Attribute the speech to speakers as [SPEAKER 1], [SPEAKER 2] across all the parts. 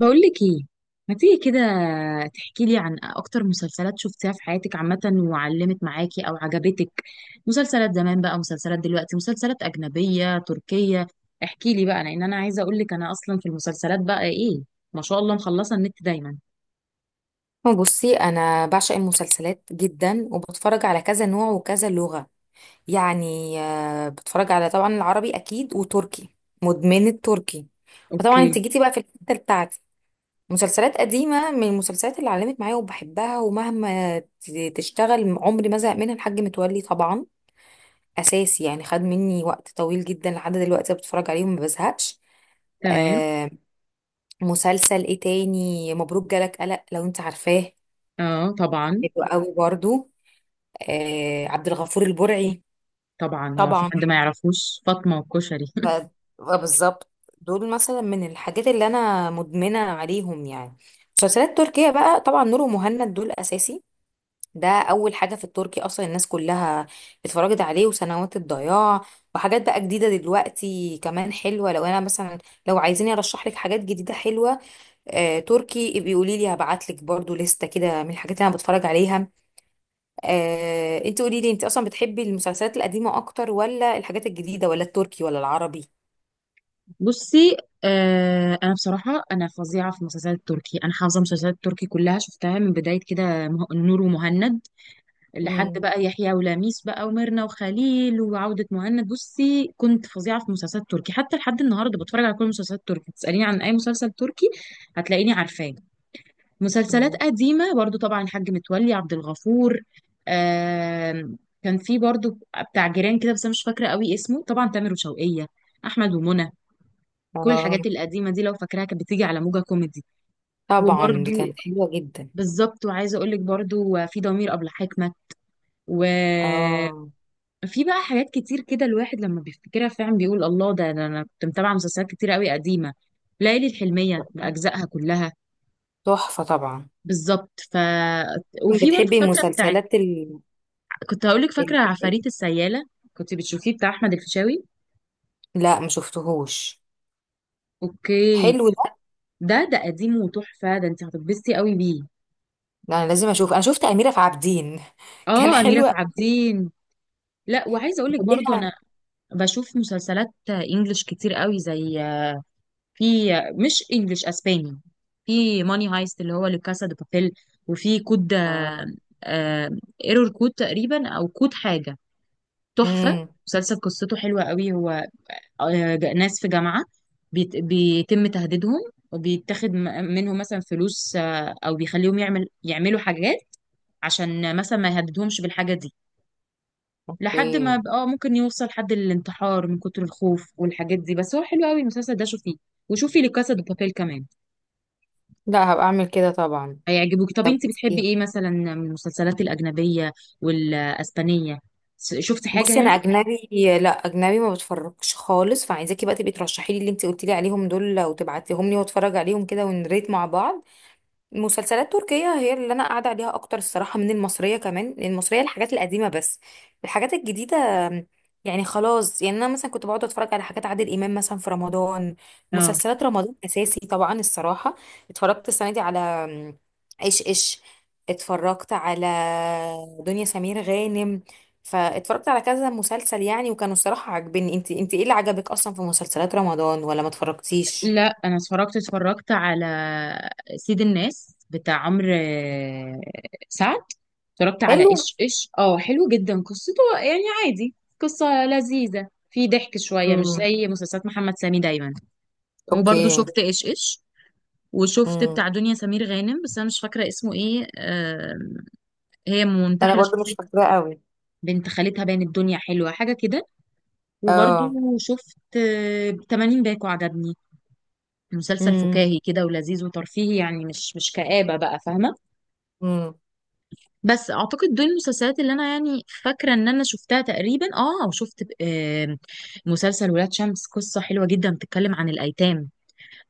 [SPEAKER 1] بقول لك ايه، ما تيجي كده تحكي لي عن اكتر مسلسلات شفتيها في حياتك عامة وعلمت معاكي او عجبتك؟ مسلسلات زمان بقى، مسلسلات دلوقتي، مسلسلات اجنبية تركية. احكي لي بقى، لان انا عايزة اقول لك انا اصلا في المسلسلات بقى ايه. ما شاء الله، مخلصة النت دايما.
[SPEAKER 2] هو بصي، انا بعشق المسلسلات جدا وبتفرج على كذا نوع وكذا لغة. يعني بتفرج على طبعا العربي اكيد وتركي. مدمنة تركي. فطبعا
[SPEAKER 1] اوكي.
[SPEAKER 2] انت جيتي بقى في الحتة بتاعتي. مسلسلات قديمة من المسلسلات اللي علمت معايا وبحبها ومهما تشتغل عمري ما زهق منها الحاج متولي. طبعا اساسي، يعني خد مني وقت طويل جدا لحد دلوقتي بتفرج عليهم ما بزهقش.
[SPEAKER 1] تمام.
[SPEAKER 2] آه مسلسل ايه تاني؟ مبروك جالك قلق لو انت عارفاه،
[SPEAKER 1] اه طبعا.
[SPEAKER 2] حلو قوي برضو. عبد الغفور البرعي
[SPEAKER 1] طبعا، هو في
[SPEAKER 2] طبعا.
[SPEAKER 1] حد ما يعرفوش فاطمة والكشري؟
[SPEAKER 2] ف... آه، بالظبط. دول مثلا من الحاجات اللي انا مدمنه عليهم يعني. مسلسلات تركية بقى، طبعا نور ومهند دول اساسي. ده اول حاجه في التركي اصلا، الناس كلها اتفرجت عليه، وسنوات الضياع. وحاجات بقى جديده دلوقتي كمان حلوه، لو انا مثلا، لو عايزيني ارشح لك حاجات جديده حلوه. تركي، بيقولي لي هبعت لك برضو لستة كده من الحاجات اللي انا بتفرج عليها. انت قولي لي، انت اصلا بتحبي المسلسلات القديمه اكتر ولا الحاجات الجديده ولا التركي ولا العربي؟
[SPEAKER 1] بصي. آه، انا بصراحه انا فظيعه في المسلسلات التركي، انا حافظه المسلسلات التركي كلها، شفتها من بدايه كده نور ومهند لحد
[SPEAKER 2] مم.
[SPEAKER 1] بقى يحيى ولميس بقى وميرنا وخليل وعودة مهند. بصي كنت فظيعة في مسلسلات تركي، حتى لحد النهاردة بتفرج على كل مسلسلات تركي. تسأليني عن أي مسلسل تركي هتلاقيني عارفاه. مسلسلات
[SPEAKER 2] مم.
[SPEAKER 1] قديمة برضو طبعا، الحاج متولي، عبد الغفور. آم، كان في برضو بتاع جيران كده، بس أنا مش فاكرة قوي اسمه، طبعا تامر وشوقية، أحمد ومنى. كل
[SPEAKER 2] آه،
[SPEAKER 1] الحاجات القديمة دي لو فاكراها كانت بتيجي على موجة كوميدي.
[SPEAKER 2] طبعا.
[SPEAKER 1] وبرضو
[SPEAKER 2] دي كانت حلوه جدا.
[SPEAKER 1] بالظبط، وعايزة أقولك برضو في ضمير أبلة حكمة و
[SPEAKER 2] اه،
[SPEAKER 1] في بقى حاجات كتير كده، الواحد لما بيفتكرها فعلا بيقول الله، ده انا كنت متابعه مسلسلات كتير قوي قديمه. ليالي الحلميه باجزائها كلها.
[SPEAKER 2] تحفه طبعا.
[SPEAKER 1] بالظبط. وفي برضه
[SPEAKER 2] بتحبي
[SPEAKER 1] فاكره بتاع،
[SPEAKER 2] المسلسلات
[SPEAKER 1] كنت هقول لك،
[SPEAKER 2] ال...
[SPEAKER 1] فاكره عفاريت السياله؟ كنت بتشوفيه، بتاع احمد الفيشاوي.
[SPEAKER 2] لا، ما شفتهوش.
[SPEAKER 1] اوكي.
[SPEAKER 2] حلو ده.
[SPEAKER 1] ده قديم وتحفه، ده انت هتتبسطي قوي بيه.
[SPEAKER 2] لا، انا لازم اشوف. انا شفت اميره في عابدين كان
[SPEAKER 1] اه، اميره
[SPEAKER 2] حلو
[SPEAKER 1] في عابدين. لا، وعايزه اقول لك برضه
[SPEAKER 2] ليها.
[SPEAKER 1] انا بشوف مسلسلات انجلش كتير قوي، زي، في، مش انجلش، اسباني. في ماني هايست، اللي هو لكاسا دي بابيل. وفي كود
[SPEAKER 2] اه.
[SPEAKER 1] ايرور كود تقريبا، او كود حاجه، تحفه.
[SPEAKER 2] امم.
[SPEAKER 1] مسلسل قصته حلوه قوي، هو ناس في جامعه بيتم تهديدهم، وبيتاخد منهم مثلا فلوس او بيخليهم يعملوا حاجات عشان مثلا ما يهددهمش بالحاجه دي، لحد
[SPEAKER 2] اوكي.
[SPEAKER 1] ما ممكن يوصل حد للانتحار من كتر الخوف والحاجات دي، بس هو حلو قوي المسلسل ده، شوفيه. وشوفي لكاسا دي بابيل كمان،
[SPEAKER 2] لا، هبقى اعمل كده طبعا.
[SPEAKER 1] هيعجبوك. طب
[SPEAKER 2] طب
[SPEAKER 1] انت بتحبي ايه مثلا من المسلسلات الاجنبيه والاسبانيه؟ شفتي حاجه
[SPEAKER 2] بصي،
[SPEAKER 1] يعني؟
[SPEAKER 2] انا اجنبي، لا اجنبي ما بتفرجش خالص. فعايزاكي بقى تبقي ترشحي لي اللي انت قلتي لي عليهم دول وتبعتيهم لي واتفرج عليهم كده ونريت مع بعض. المسلسلات التركية هي اللي أنا قاعدة عليها أكتر الصراحة من المصرية. كمان المصرية الحاجات القديمة بس، الحاجات الجديدة يعني خلاص. يعني أنا مثلا كنت بقعد أتفرج على حاجات عادل إمام مثلا في رمضان.
[SPEAKER 1] اه.
[SPEAKER 2] مسلسلات رمضان أساسي طبعا الصراحة. اتفرجت السنة دي على إيش إيش، اتفرجت على دنيا سمير غانم، فاتفرجت على كذا مسلسل يعني وكانوا الصراحة عاجبني. انت ايه اللي عجبك أصلا في مسلسلات رمضان ولا ما اتفرجتيش؟
[SPEAKER 1] لا، انا اتفرجت على سيد الناس، بتاع عمرو سعد. اتفرجت على
[SPEAKER 2] حلو.
[SPEAKER 1] ايش ايش، اه حلو جدا قصته، يعني عادي. قصه لذيذه، في ضحك شويه، مش
[SPEAKER 2] امم.
[SPEAKER 1] زي مسلسلات محمد سامي دايما. وبرضه
[SPEAKER 2] اوكي.
[SPEAKER 1] شفت ايش ايش، وشفت
[SPEAKER 2] مم.
[SPEAKER 1] بتاع دنيا سمير غانم بس انا مش فاكره اسمه ايه هي
[SPEAKER 2] انا
[SPEAKER 1] منتحله
[SPEAKER 2] برضو مش
[SPEAKER 1] شخصيه
[SPEAKER 2] فاكراه قوي.
[SPEAKER 1] بنت خالتها، باين الدنيا حلوه، حاجه كده. وبرضو
[SPEAKER 2] اه.
[SPEAKER 1] شفت 80 باكو، عجبني. مسلسل
[SPEAKER 2] امم.
[SPEAKER 1] فكاهي كده، ولذيذ وترفيهي، يعني مش كآبة بقى، فاهمة.
[SPEAKER 2] امم.
[SPEAKER 1] بس أعتقد دول المسلسلات اللي أنا يعني فاكرة إن أنا شفتها تقريبا. وشفت مسلسل ولاد شمس، قصة حلوة جدا، بتتكلم عن الأيتام.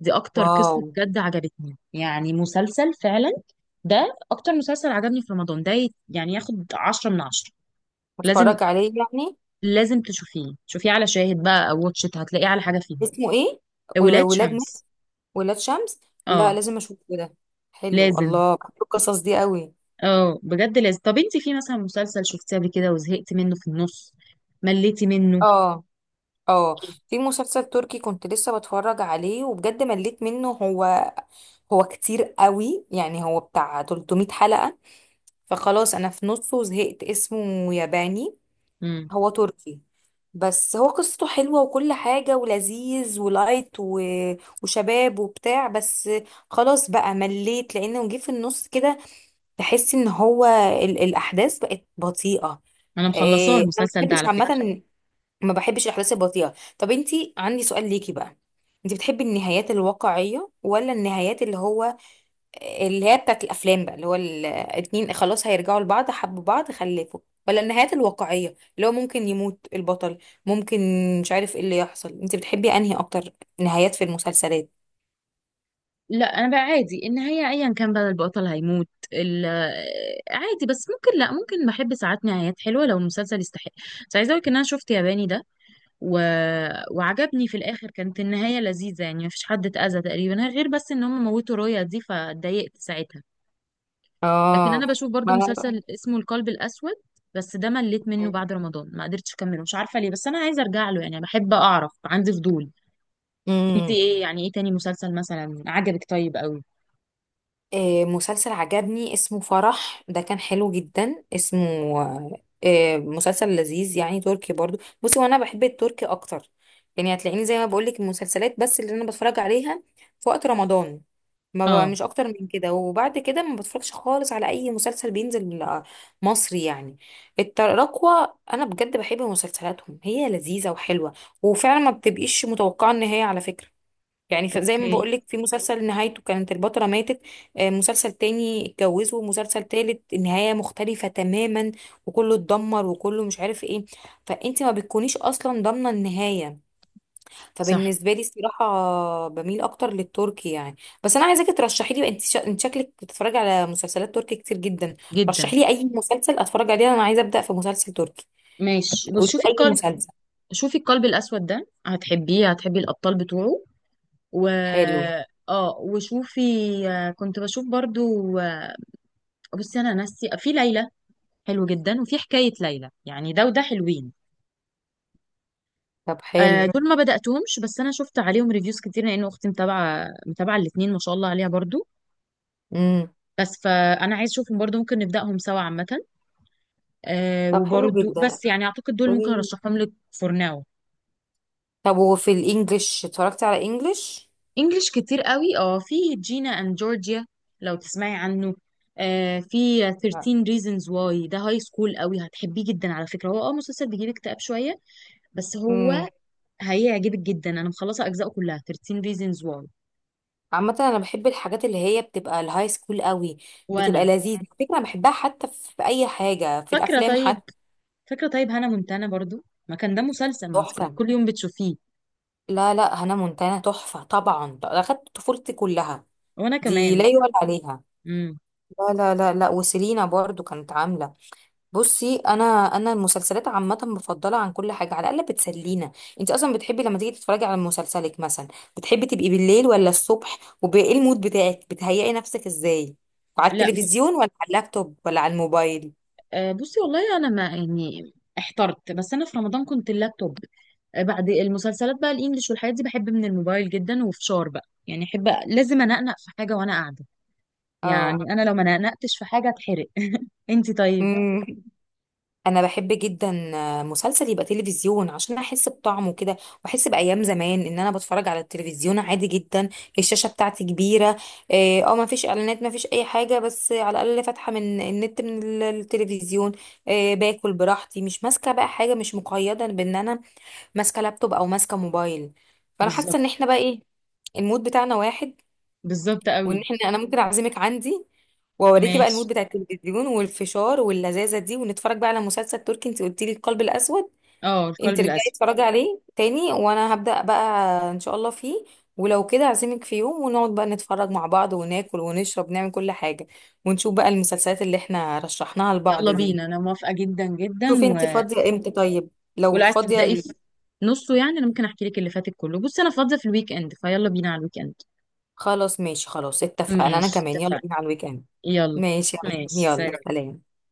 [SPEAKER 1] دي أكتر
[SPEAKER 2] واو.
[SPEAKER 1] قصة بجد عجبتني، يعني مسلسل فعلا. ده أكتر مسلسل عجبني في رمضان ده، يعني ياخد عشرة من عشرة. لازم،
[SPEAKER 2] اتفرج عليه يعني.
[SPEAKER 1] لازم تشوفيه، شوفيه على شاهد بقى أو واتش إت، هتلاقيه على حاجة فيهم.
[SPEAKER 2] اسمه ايه؟ ول-
[SPEAKER 1] ولاد
[SPEAKER 2] ولاد نت
[SPEAKER 1] شمس.
[SPEAKER 2] ولاد شمس. لا
[SPEAKER 1] اه.
[SPEAKER 2] لازم اشوفه ده. حلو،
[SPEAKER 1] لازم.
[SPEAKER 2] الله بحب القصص دي قوي.
[SPEAKER 1] اه بجد لازم. طب انت في مثلا مسلسل شفتيه قبل كده وزهقت منه في النص، مليتي منه؟
[SPEAKER 2] اه. اه، في مسلسل تركي كنت لسه بتفرج عليه وبجد مليت منه. هو كتير قوي يعني، هو بتاع 300 حلقة. فخلاص انا في نصه زهقت. اسمه ياباني،
[SPEAKER 1] امم.
[SPEAKER 2] هو تركي بس هو قصته حلوة وكل حاجة، ولذيذ ولايت وشباب وبتاع. بس خلاص بقى مليت لأنه جه في النص كده. تحس إن هو الأحداث بقت بطيئة.
[SPEAKER 1] انا مخلصاه
[SPEAKER 2] أنا ما
[SPEAKER 1] المسلسل ده
[SPEAKER 2] بحبش
[SPEAKER 1] على فكرة.
[SPEAKER 2] عامة، ما بحبش الأحداث البطيئة. طب أنتي عندي سؤال ليكي بقى، أنتي بتحبي النهايات الواقعية، ولا النهايات اللي هو اللي هي بتاعت الافلام بقى، اللي هو الاتنين خلاص هيرجعوا لبعض حبوا بعض خلفوا؟ ولا النهايات الواقعية اللي هو ممكن يموت البطل، ممكن مش عارف ايه اللي يحصل؟ انت بتحبي انهي اكتر نهايات في المسلسلات؟
[SPEAKER 1] لا، انا بقى عادي النهاية ايا كان بقى البطل هيموت عادي، بس ممكن لا، ممكن بحب ساعات نهايات حلوة لو المسلسل يستحق. بس عايزة اقولك ان انا شفت ياباني ده و... وعجبني في الاخر، كانت النهاية لذيذة يعني، مفيش حد اتأذى تقريبا، غير بس ان هم موتوا رويا دي فاتضايقت ساعتها. لكن انا
[SPEAKER 2] اه.
[SPEAKER 1] بشوف برضو
[SPEAKER 2] ما
[SPEAKER 1] مسلسل اسمه القلب الاسود، بس ده مليت منه بعد رمضان، ما قدرتش اكمله مش عارفه ليه، بس انا عايزه ارجع له يعني، بحب اعرف، عندي فضول. انت
[SPEAKER 2] انا
[SPEAKER 1] ايه يعني، ايه تاني مسلسل مثلا عجبك؟ طيب قوي.
[SPEAKER 2] آه، مسلسل عجبني اسمه فرح، ده كان حلو جدا. اسمه مسلسل لذيذ يعني، تركي برضو. بصي وانا بحب التركي اكتر. يعني هتلاقيني زي ما بقولك المسلسلات بس اللي انا بتفرج عليها في وقت رمضان ما بقى،
[SPEAKER 1] اه.
[SPEAKER 2] مش اكتر من كده. وبعد كده ما بتفرجش خالص على اي مسلسل بينزل مصري يعني. التراكوة انا بجد بحب مسلسلاتهم، هي لذيذة وحلوة، وفعلا ما بتبقيش متوقعة النهاية على فكرة. يعني زي ما
[SPEAKER 1] اوكي.
[SPEAKER 2] بقولك، في مسلسل نهايته كانت البطلة ماتت. مسلسل تاني اتجوزوا، ومسلسل تالت النهاية مختلفة تماما، وكله اتدمر وكله مش عارف ايه. فانت ما بتكونيش اصلا ضامنة النهاية.
[SPEAKER 1] صح.
[SPEAKER 2] فبالنسبة لي الصراحة بميل اكتر للتركي يعني. بس انا عايزاكي ترشحي لي بقى، انت شكلك بتتفرجي على مسلسلات تركي كتير جدا.
[SPEAKER 1] جدا.
[SPEAKER 2] رشحي لي اي مسلسل اتفرج عليه. انا عايزة ابدأ في مسلسل تركي.
[SPEAKER 1] ماشي، بص
[SPEAKER 2] قولي لي
[SPEAKER 1] شوفي
[SPEAKER 2] اي
[SPEAKER 1] القلب،
[SPEAKER 2] مسلسل.
[SPEAKER 1] شوفي القلب الاسود ده هتحبيه، هتحبي الابطال بتوعه. و
[SPEAKER 2] حلو.
[SPEAKER 1] اه وشوفي كنت بشوف برضو آه، بصي انا ناسي في ليلى، حلو جدا، وفي حكايه ليلى يعني، ده وده حلوين.
[SPEAKER 2] طب حلو.
[SPEAKER 1] دول ما بدأتهمش، بس انا شفت عليهم ريفيوز كتير، لان اختي متابعه متابعه الاثنين ما شاء الله عليها برضو.
[SPEAKER 2] امم.
[SPEAKER 1] بس فانا عايز اشوفهم برضو، ممكن نبدأهم سوا عامه.
[SPEAKER 2] طب حلو
[SPEAKER 1] وبرضو،
[SPEAKER 2] جدا.
[SPEAKER 1] بس يعني اعتقد دول ممكن ارشحهم لك فور ناو.
[SPEAKER 2] طب وفي الانجليش، اتفرجتي على انجليش؟
[SPEAKER 1] انجلش كتير قوي. اه في جينا اند جورجيا، لو تسمعي عنه. في
[SPEAKER 2] لا.
[SPEAKER 1] 13 reasons why، ده هاي سكول قوي، هتحبيه جدا على فكره، هو مسلسل بيجيب اكتئاب شويه، بس هو
[SPEAKER 2] امم.
[SPEAKER 1] هيعجبك جدا. انا مخلصه اجزاءه كلها، 13 reasons why.
[SPEAKER 2] عامة انا بحب الحاجات اللي هي بتبقى الهاي سكول قوي، بتبقى
[SPEAKER 1] وانا
[SPEAKER 2] لذيذة على فكرة. أنا بحبها حتى في اي حاجة، في
[SPEAKER 1] فاكره
[SPEAKER 2] الافلام
[SPEAKER 1] طيب،
[SPEAKER 2] حتى.
[SPEAKER 1] فاكرة طيب هانا مونتانا برضو، ما كان ده مسلسل ما انت كنت
[SPEAKER 2] تحفة.
[SPEAKER 1] كل يوم بتشوفيه؟
[SPEAKER 2] لا لا، هنا مونتانا تحفة طبعا، ده اخدت طفولتي كلها.
[SPEAKER 1] وانا
[SPEAKER 2] دي
[SPEAKER 1] كمان
[SPEAKER 2] لا
[SPEAKER 1] وكان-
[SPEAKER 2] يعلى عليها.
[SPEAKER 1] امم.
[SPEAKER 2] لا لا لا لا، وسيلينا برضو كانت عاملة. بصي انا المسلسلات عامه بفضلها عن كل حاجه، على الاقل بتسلينا. انت اصلا بتحبي لما تيجي تتفرجي على مسلسلك مثلا، بتحبي تبقي بالليل ولا الصبح؟ وايه المود بتاعك؟ بتهيئي نفسك ازاي؟ على
[SPEAKER 1] لا،
[SPEAKER 2] التلفزيون ولا على اللابتوب ولا على الموبايل؟
[SPEAKER 1] بصي والله انا ما يعني احترت، بس انا في رمضان كنت اللابتوب. بعد المسلسلات بقى، الانجليش والحاجات دي بحب من الموبايل جدا، وفشار بقى يعني، احب لازم انقنق في حاجة وانا قاعدة. يعني انا لو ما نقنقتش في حاجة اتحرق انت طيب؟
[SPEAKER 2] اه، انا بحب جدا مسلسل يبقى تلفزيون عشان احس بطعمه كده، واحس بايام زمان ان انا بتفرج على التلفزيون عادي جدا. الشاشه بتاعتي كبيره. ما فيش اعلانات، ما فيش اي حاجه، بس على الاقل فاتحه من النت، من التلفزيون. اه باكل براحتي، مش ماسكه بقى حاجه، مش مقيده بان انا ماسكه لابتوب او ماسكه موبايل. فانا
[SPEAKER 1] بالظبط.
[SPEAKER 2] حاسه ان احنا بقى ايه، المود بتاعنا واحد.
[SPEAKER 1] بالظبط
[SPEAKER 2] وان
[SPEAKER 1] قوي.
[SPEAKER 2] احنا، انا ممكن اعزمك عندي واوريكي بقى
[SPEAKER 1] ماشي،
[SPEAKER 2] المود بتاع التلفزيون والفشار واللذاذه دي، ونتفرج بقى على مسلسل تركي. انت قلتي لي القلب الاسود،
[SPEAKER 1] اه
[SPEAKER 2] انت
[SPEAKER 1] القلب
[SPEAKER 2] رجعي
[SPEAKER 1] الاسود.
[SPEAKER 2] اتفرجي عليه تاني وانا هبدا بقى ان شاء الله فيه. ولو كده اعزمك في يوم ونقعد بقى نتفرج مع بعض وناكل ونشرب، نعمل كل حاجه ونشوف بقى المسلسلات اللي احنا رشحناها لبعض
[SPEAKER 1] يلا
[SPEAKER 2] دي.
[SPEAKER 1] بينا، انا موافقة جدا جدا.
[SPEAKER 2] شوفي انت فاضيه امتى طيب؟ لو
[SPEAKER 1] ولو عايز
[SPEAKER 2] فاضيه
[SPEAKER 1] تبدأي في نصه، يعني انا ممكن احكي لك اللي فاتك كله. بصي انا فاضية في الويك اند، فيلا بينا على الويك اند.
[SPEAKER 2] خلاص ماشي. خلاص اتفقنا، انا
[SPEAKER 1] ماشي
[SPEAKER 2] كمان يلا
[SPEAKER 1] اتفقنا.
[SPEAKER 2] بينا على الويك اند.
[SPEAKER 1] يلا.
[SPEAKER 2] ماشي يا عم.
[SPEAKER 1] ماشي
[SPEAKER 2] يلا
[SPEAKER 1] سلام.
[SPEAKER 2] سلام.